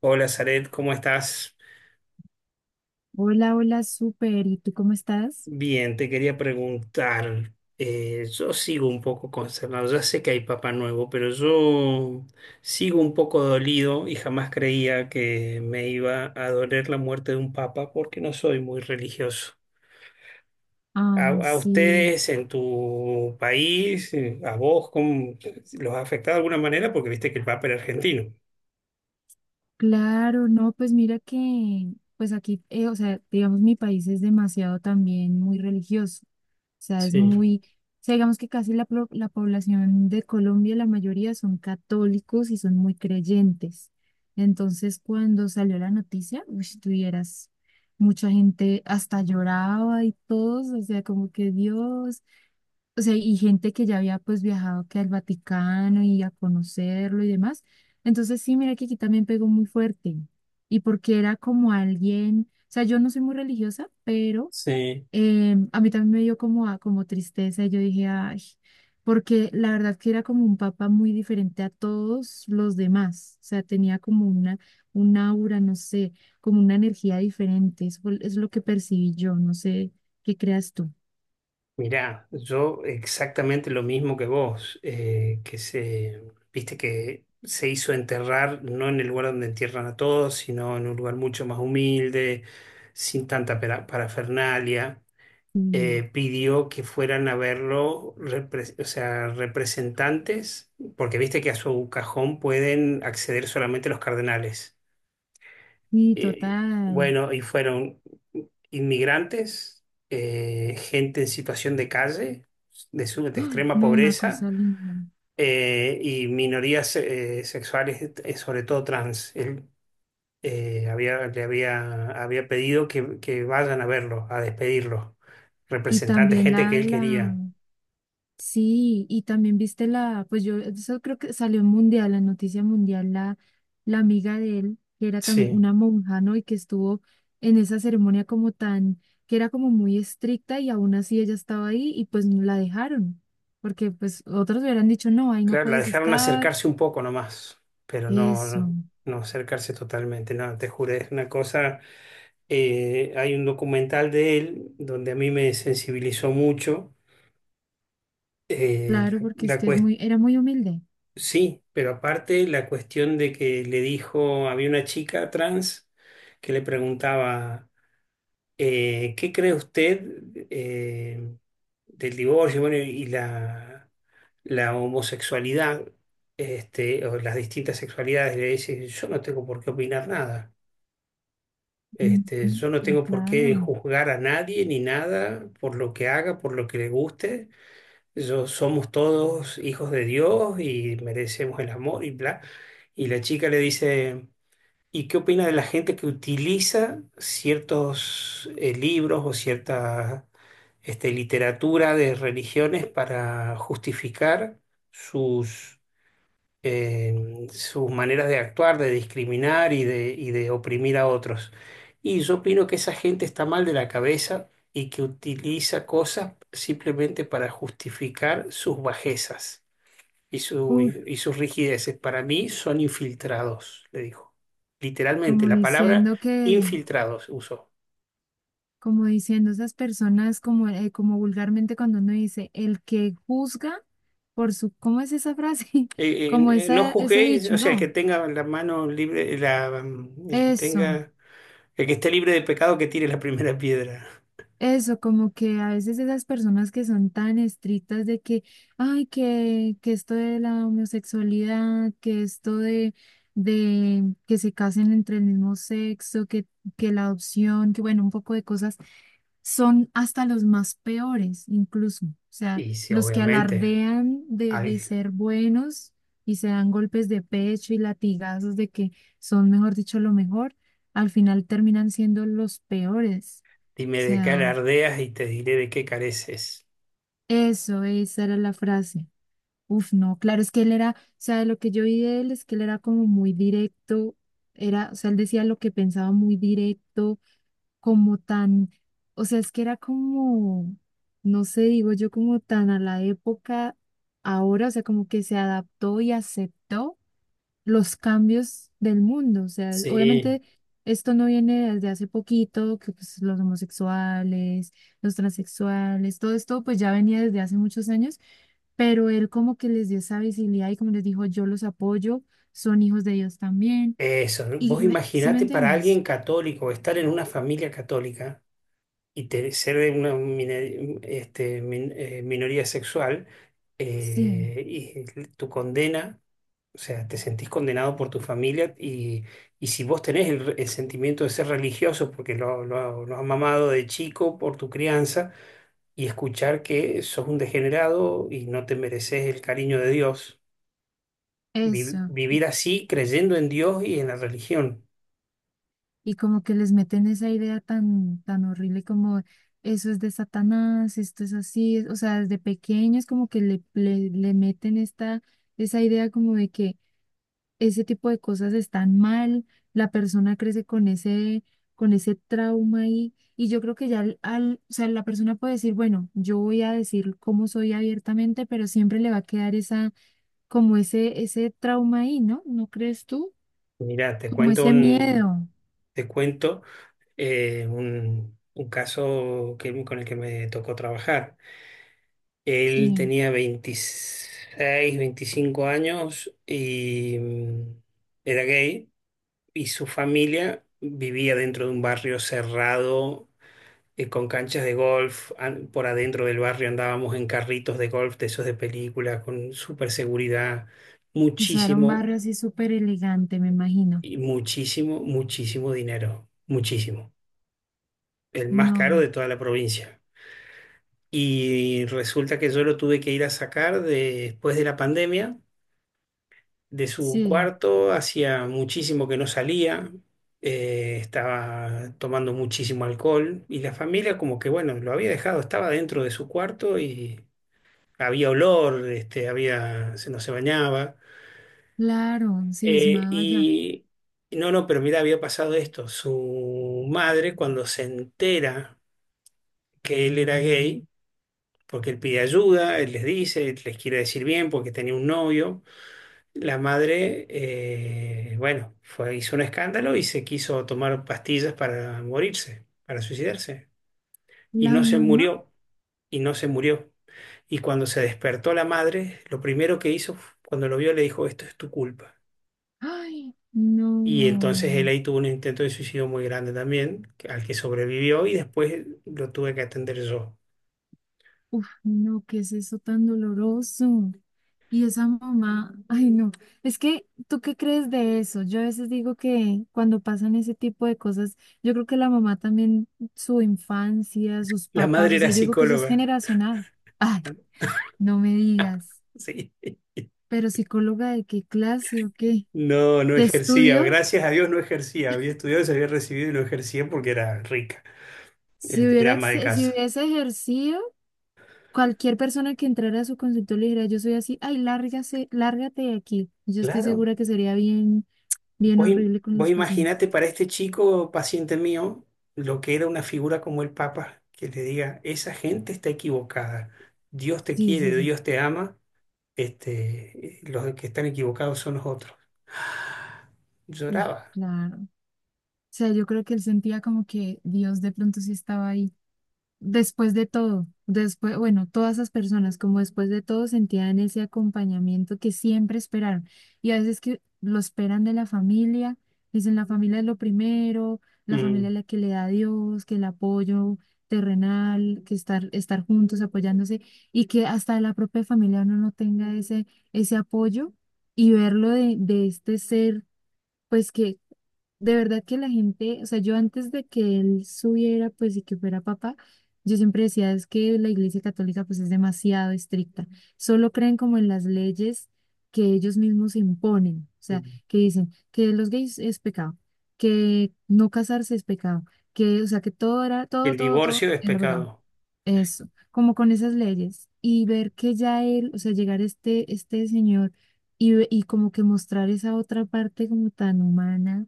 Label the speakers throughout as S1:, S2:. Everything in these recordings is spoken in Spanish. S1: Hola, Zaret, ¿cómo estás?
S2: Hola, hola, súper. ¿Y tú cómo estás?
S1: Bien, te quería preguntar. Yo sigo un poco consternado. Ya sé que hay Papá Nuevo, pero yo sigo un poco dolido y jamás creía que me iba a doler la muerte de un papa porque no soy muy religioso. A,
S2: Ay,
S1: a
S2: sí,
S1: ustedes en tu país, a vos, ¿cómo los ha afectado de alguna manera? Porque viste que el papa era argentino.
S2: claro, no, pues mira que, pues aquí, o sea, digamos, mi país es demasiado también muy religioso. O sea, es
S1: Sí,
S2: muy, o sea, digamos que casi la población de Colombia, la mayoría son católicos y son muy creyentes. Entonces, cuando salió la noticia, uy, tuvieras mucha gente hasta lloraba y todos, o sea, como que Dios, o sea, y gente que ya había pues viajado que al Vaticano y a conocerlo y demás. Entonces sí, mira que aquí también pegó muy fuerte. Y porque era como alguien, o sea, yo no soy muy religiosa, pero
S1: sí.
S2: a mí también me dio como tristeza. Y yo dije, ay, porque la verdad que era como un papa muy diferente a todos los demás. O sea, tenía como una, un aura, no sé, como una energía diferente. Es lo que percibí yo, no sé qué creas tú.
S1: Mirá, yo exactamente lo mismo que vos, viste que se hizo enterrar no en el lugar donde entierran a todos, sino en un lugar mucho más humilde, sin tanta parafernalia.
S2: Mm.
S1: Pidió que fueran a verlo, o sea, representantes, porque viste que a su cajón pueden acceder solamente los cardenales.
S2: Sí,
S1: Eh,
S2: total.
S1: bueno, y fueron inmigrantes, gente en situación de calle, de
S2: Ay,
S1: extrema
S2: no, una
S1: pobreza,
S2: cosa linda.
S1: y minorías sexuales, sobre todo trans. Él había pedido que vayan a verlo, a despedirlo,
S2: Y
S1: representantes,
S2: también
S1: gente que él quería.
S2: sí, y también viste la, pues yo, eso creo que salió en Mundial, la noticia mundial, la amiga de él, que era también
S1: Sí.
S2: una monja, ¿no? Y que estuvo en esa ceremonia como tan, que era como muy estricta y aún así ella estaba ahí y pues no la dejaron, porque pues otros hubieran dicho, no, ahí no
S1: Claro, la
S2: puedes
S1: dejaron
S2: estar,
S1: acercarse un poco nomás, pero
S2: eso,
S1: no acercarse totalmente, no, te juro, es una cosa, hay un documental de él donde a mí me sensibilizó mucho, eh,
S2: claro, porque
S1: la,
S2: es
S1: la
S2: que es
S1: cues-
S2: muy, era muy humilde.
S1: sí, pero aparte la cuestión de que le dijo, había una chica trans que le preguntaba ¿Qué cree usted eh, del divorcio, bueno, y la homosexualidad, este, o las distintas sexualidades? Le dice, yo no tengo por qué opinar nada.
S2: Ujú.
S1: Este, yo no tengo por qué
S2: Claro.
S1: juzgar a nadie ni nada por lo que haga, por lo que le guste. Yo, somos todos hijos de Dios y merecemos el amor y bla. Y la chica le dice… ¿Y qué opina de la gente que utiliza ciertos libros o cierta este, literatura de religiones para justificar sus, sus maneras de actuar, de discriminar y de oprimir a otros? Y yo opino que esa gente está mal de la cabeza y que utiliza cosas simplemente para justificar sus bajezas
S2: Uf,
S1: y sus rigideces para mí son infiltrados, le dijo. Literalmente,
S2: como
S1: la palabra
S2: diciendo que,
S1: infiltrados usó.
S2: como diciendo esas personas, como, como vulgarmente cuando uno dice, el que juzga por su, ¿cómo es esa frase? Como
S1: No
S2: esa, ese
S1: juzguéis,
S2: dicho,
S1: o sea,
S2: ¿no?
S1: el que
S2: Eso,
S1: tenga, el que esté libre de pecado, que tire la primera piedra.
S2: eso, como que a veces esas personas que son tan estrictas de que, ay, que esto de la homosexualidad, que esto de que se casen entre el mismo sexo, que la adopción, que bueno, un poco de cosas son hasta los más peores, incluso. O sea,
S1: Y sí,
S2: los que
S1: obviamente,
S2: alardean de
S1: al-
S2: ser buenos y se dan golpes de pecho y latigazos de que son, mejor dicho, lo mejor, al final terminan siendo los peores. O
S1: dime de qué
S2: sea,
S1: alardeas y te diré de qué careces.
S2: eso, esa era la frase. Uf, no, claro, es que él era, o sea, de lo que yo vi de él es que él era como muy directo, era, o sea, él decía lo que pensaba muy directo como tan, o sea, es que era como, no sé, digo yo, como tan a la época ahora, o sea, como que se adaptó y aceptó los cambios del mundo. O sea,
S1: Sí,
S2: obviamente esto no viene desde hace poquito, que pues los homosexuales, los transexuales, todo esto pues ya venía desde hace muchos años, pero él como que les dio esa visibilidad y como les dijo, yo los apoyo, son hijos de Dios también.
S1: eso. Vos
S2: Y ¿sí me
S1: imaginate para
S2: entiendes?
S1: alguien católico, estar en una familia católica ser de una minoría sexual
S2: Sí,
S1: y tu condena, o sea, te sentís condenado por tu familia y si vos tenés el sentimiento de ser religioso porque lo has mamado de chico por tu crianza y escuchar que sos un degenerado y no te mereces el cariño de Dios,
S2: eso.
S1: vivir así creyendo en Dios y en la religión.
S2: Y como que les meten esa idea tan, tan horrible como eso es de Satanás, esto es así, o sea, desde pequeños como que le meten esa idea como de que ese tipo de cosas están mal, la persona crece con ese trauma ahí, y yo creo que ya o sea, la persona puede decir, bueno, yo voy a decir cómo soy abiertamente, pero siempre le va a quedar esa, como ese trauma ahí, ¿no? ¿No crees tú?
S1: Mirá, te
S2: Como
S1: cuento
S2: ese
S1: un,
S2: miedo,
S1: Te cuento un caso que, con el que me tocó trabajar. Él
S2: sí.
S1: tenía 25 años y era gay y su familia vivía dentro de un barrio cerrado con canchas de golf. Por adentro del barrio andábamos en carritos de golf de esos de película con super seguridad,
S2: Usaron un
S1: muchísimo
S2: barrio así súper elegante, me imagino.
S1: muchísimo, muchísimo dinero, muchísimo. El más caro
S2: No,
S1: de toda la provincia. Y resulta que yo lo tuve que ir a sacar después de la pandemia de su
S2: sí,
S1: cuarto. Hacía muchísimo que no salía, estaba tomando muchísimo alcohol y la familia como que, bueno, lo había dejado, estaba dentro de su cuarto y había olor, no se bañaba.
S2: claro, cismado allá.
S1: Y no, no, Pero mira, había pasado esto. Su madre cuando se entera que él era gay, porque él pide ayuda, él les dice, les quiere decir bien porque tenía un novio. La madre, bueno, fue, hizo un escándalo y se quiso tomar pastillas para morirse, para suicidarse. Y
S2: La
S1: no se
S2: mamá,
S1: murió, y no se murió. Y cuando se despertó la madre, lo primero que hizo, cuando lo vio, le dijo, esto es tu culpa.
S2: ay, no,
S1: Y entonces él ahí tuvo un intento de suicidio muy grande también, al que sobrevivió y después lo tuve que atender yo.
S2: uf, no, ¿qué es eso tan doloroso? Y esa mamá, ay, no, es que, ¿tú qué crees de eso? Yo a veces digo que cuando pasan ese tipo de cosas, yo creo que la mamá también, su infancia, sus
S1: La
S2: papás,
S1: madre
S2: o
S1: era
S2: sea, yo digo que eso es
S1: psicóloga.
S2: generacional. Ay, no me digas,
S1: Sí.
S2: ¿pero psicóloga de qué clase o qué?
S1: No, no
S2: ¿Qué
S1: ejercía,
S2: estudio?
S1: gracias a Dios no ejercía, había estudiado, se había recibido y no ejercía porque era rica, era ama de
S2: Si
S1: casa.
S2: hubiese ejercido, cualquier persona que entrara a su consultorio le dijera, yo soy así, ay, lárgase, lárgate de aquí. Yo estoy
S1: Claro,
S2: segura que sería bien, bien horrible con
S1: vos
S2: los pacientes.
S1: imaginate para este chico paciente mío lo que era una figura como el Papa, que le diga, esa gente está equivocada, Dios te
S2: Sí, sí,
S1: quiere,
S2: sí.
S1: Dios te ama, los que están equivocados son los otros.
S2: Uf,
S1: Lloraba.
S2: claro. O sea, yo creo que él sentía como que Dios de pronto sí estaba ahí. Después de todo, después, bueno, todas esas personas, como después de todo, sentían ese acompañamiento que siempre esperaron. Y a veces que lo esperan de la familia, dicen la familia es lo primero, la familia
S1: Mm,
S2: es la que le da a Dios, que el apoyo terrenal, que estar, estar juntos, apoyándose, y que hasta la propia familia uno no tenga ese, ese apoyo y verlo de este ser. Pues que de verdad que la gente, o sea, yo antes de que él subiera, pues y que fuera papá, yo siempre decía, es que la Iglesia Católica pues es demasiado estricta. Solo creen como en las leyes que ellos mismos imponen, o sea,
S1: mm.
S2: que dicen que los gays es pecado, que no casarse es pecado, que, o sea, que todo era, todo,
S1: El
S2: todo, todo
S1: divorcio es
S2: era pecado.
S1: pecado.
S2: Eso, como con esas leyes y ver que ya él, o sea, llegar este, este señor y, y como que mostrar esa otra parte como tan humana,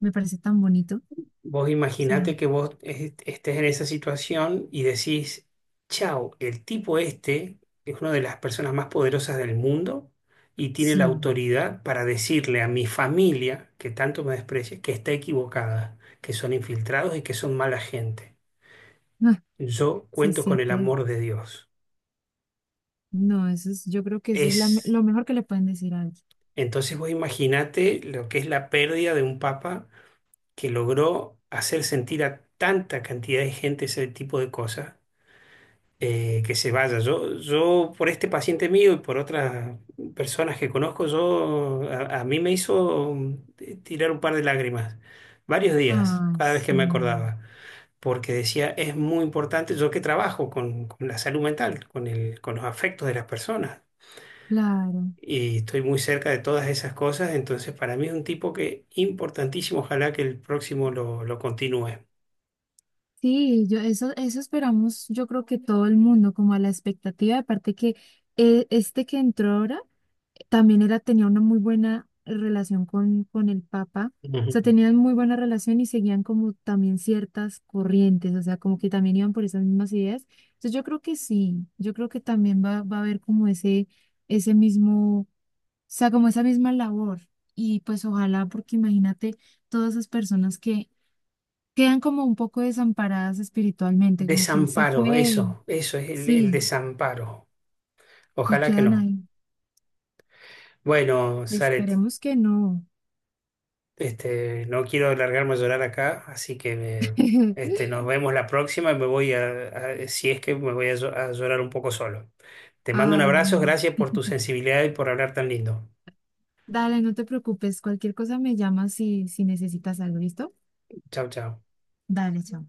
S2: me parece tan bonito. O
S1: Vos
S2: sea,
S1: imaginate que estés en esa situación y decís, chao, el tipo este es una de las personas más poderosas del mundo y tiene
S2: sí,
S1: la autoridad para decirle a mi familia, que tanto me desprecia, que está equivocada, que son infiltrados y que son mala gente.
S2: ah,
S1: Yo
S2: se
S1: cuento con el
S2: siente,
S1: amor de Dios.
S2: no, eso es, yo creo que eso es
S1: Es,
S2: lo mejor que le pueden decir a alguien.
S1: entonces vos imaginate lo que es la pérdida de un papa que logró hacer sentir a tanta cantidad de gente ese tipo de cosas que se vaya. Yo por este paciente mío y por otras personas que conozco, yo a mí me hizo tirar un par de lágrimas, varios días,
S2: Ah,
S1: cada vez que
S2: sí,
S1: me acordaba, porque decía, es muy importante, yo que trabajo con la salud mental, con los afectos de las personas.
S2: claro.
S1: Y estoy muy cerca de todas esas cosas, entonces para mí es un tipo que importantísimo, ojalá que el próximo lo continúe.
S2: Sí, yo eso, eso esperamos, yo creo que todo el mundo, como a la expectativa, aparte que este que entró ahora también era, tenía una muy buena relación con el Papa, o
S1: Ujú.
S2: sea, tenían muy buena relación y seguían como también ciertas corrientes, o sea, como que también iban por esas mismas ideas. Entonces yo creo que sí, yo creo que también va a haber como ese mismo, o sea, como esa misma labor. Y pues ojalá, porque imagínate todas esas personas que quedan como un poco desamparadas espiritualmente, como que él se
S1: Desamparo,
S2: fue,
S1: eso es el
S2: sí,
S1: desamparo.
S2: y
S1: Ojalá que
S2: quedan
S1: no.
S2: ahí.
S1: Bueno, Saret,
S2: Esperemos que no.
S1: no quiero largarme a llorar acá, así que nos vemos la próxima y me voy a, si es que me voy a, a llorar un poco solo. Te mando un
S2: Ay,
S1: abrazo,
S2: no.
S1: gracias por tu sensibilidad y por hablar tan lindo.
S2: Dale, no te preocupes, cualquier cosa me llamas si necesitas algo, ¿listo?
S1: Chao, chao.
S2: Dale, chao.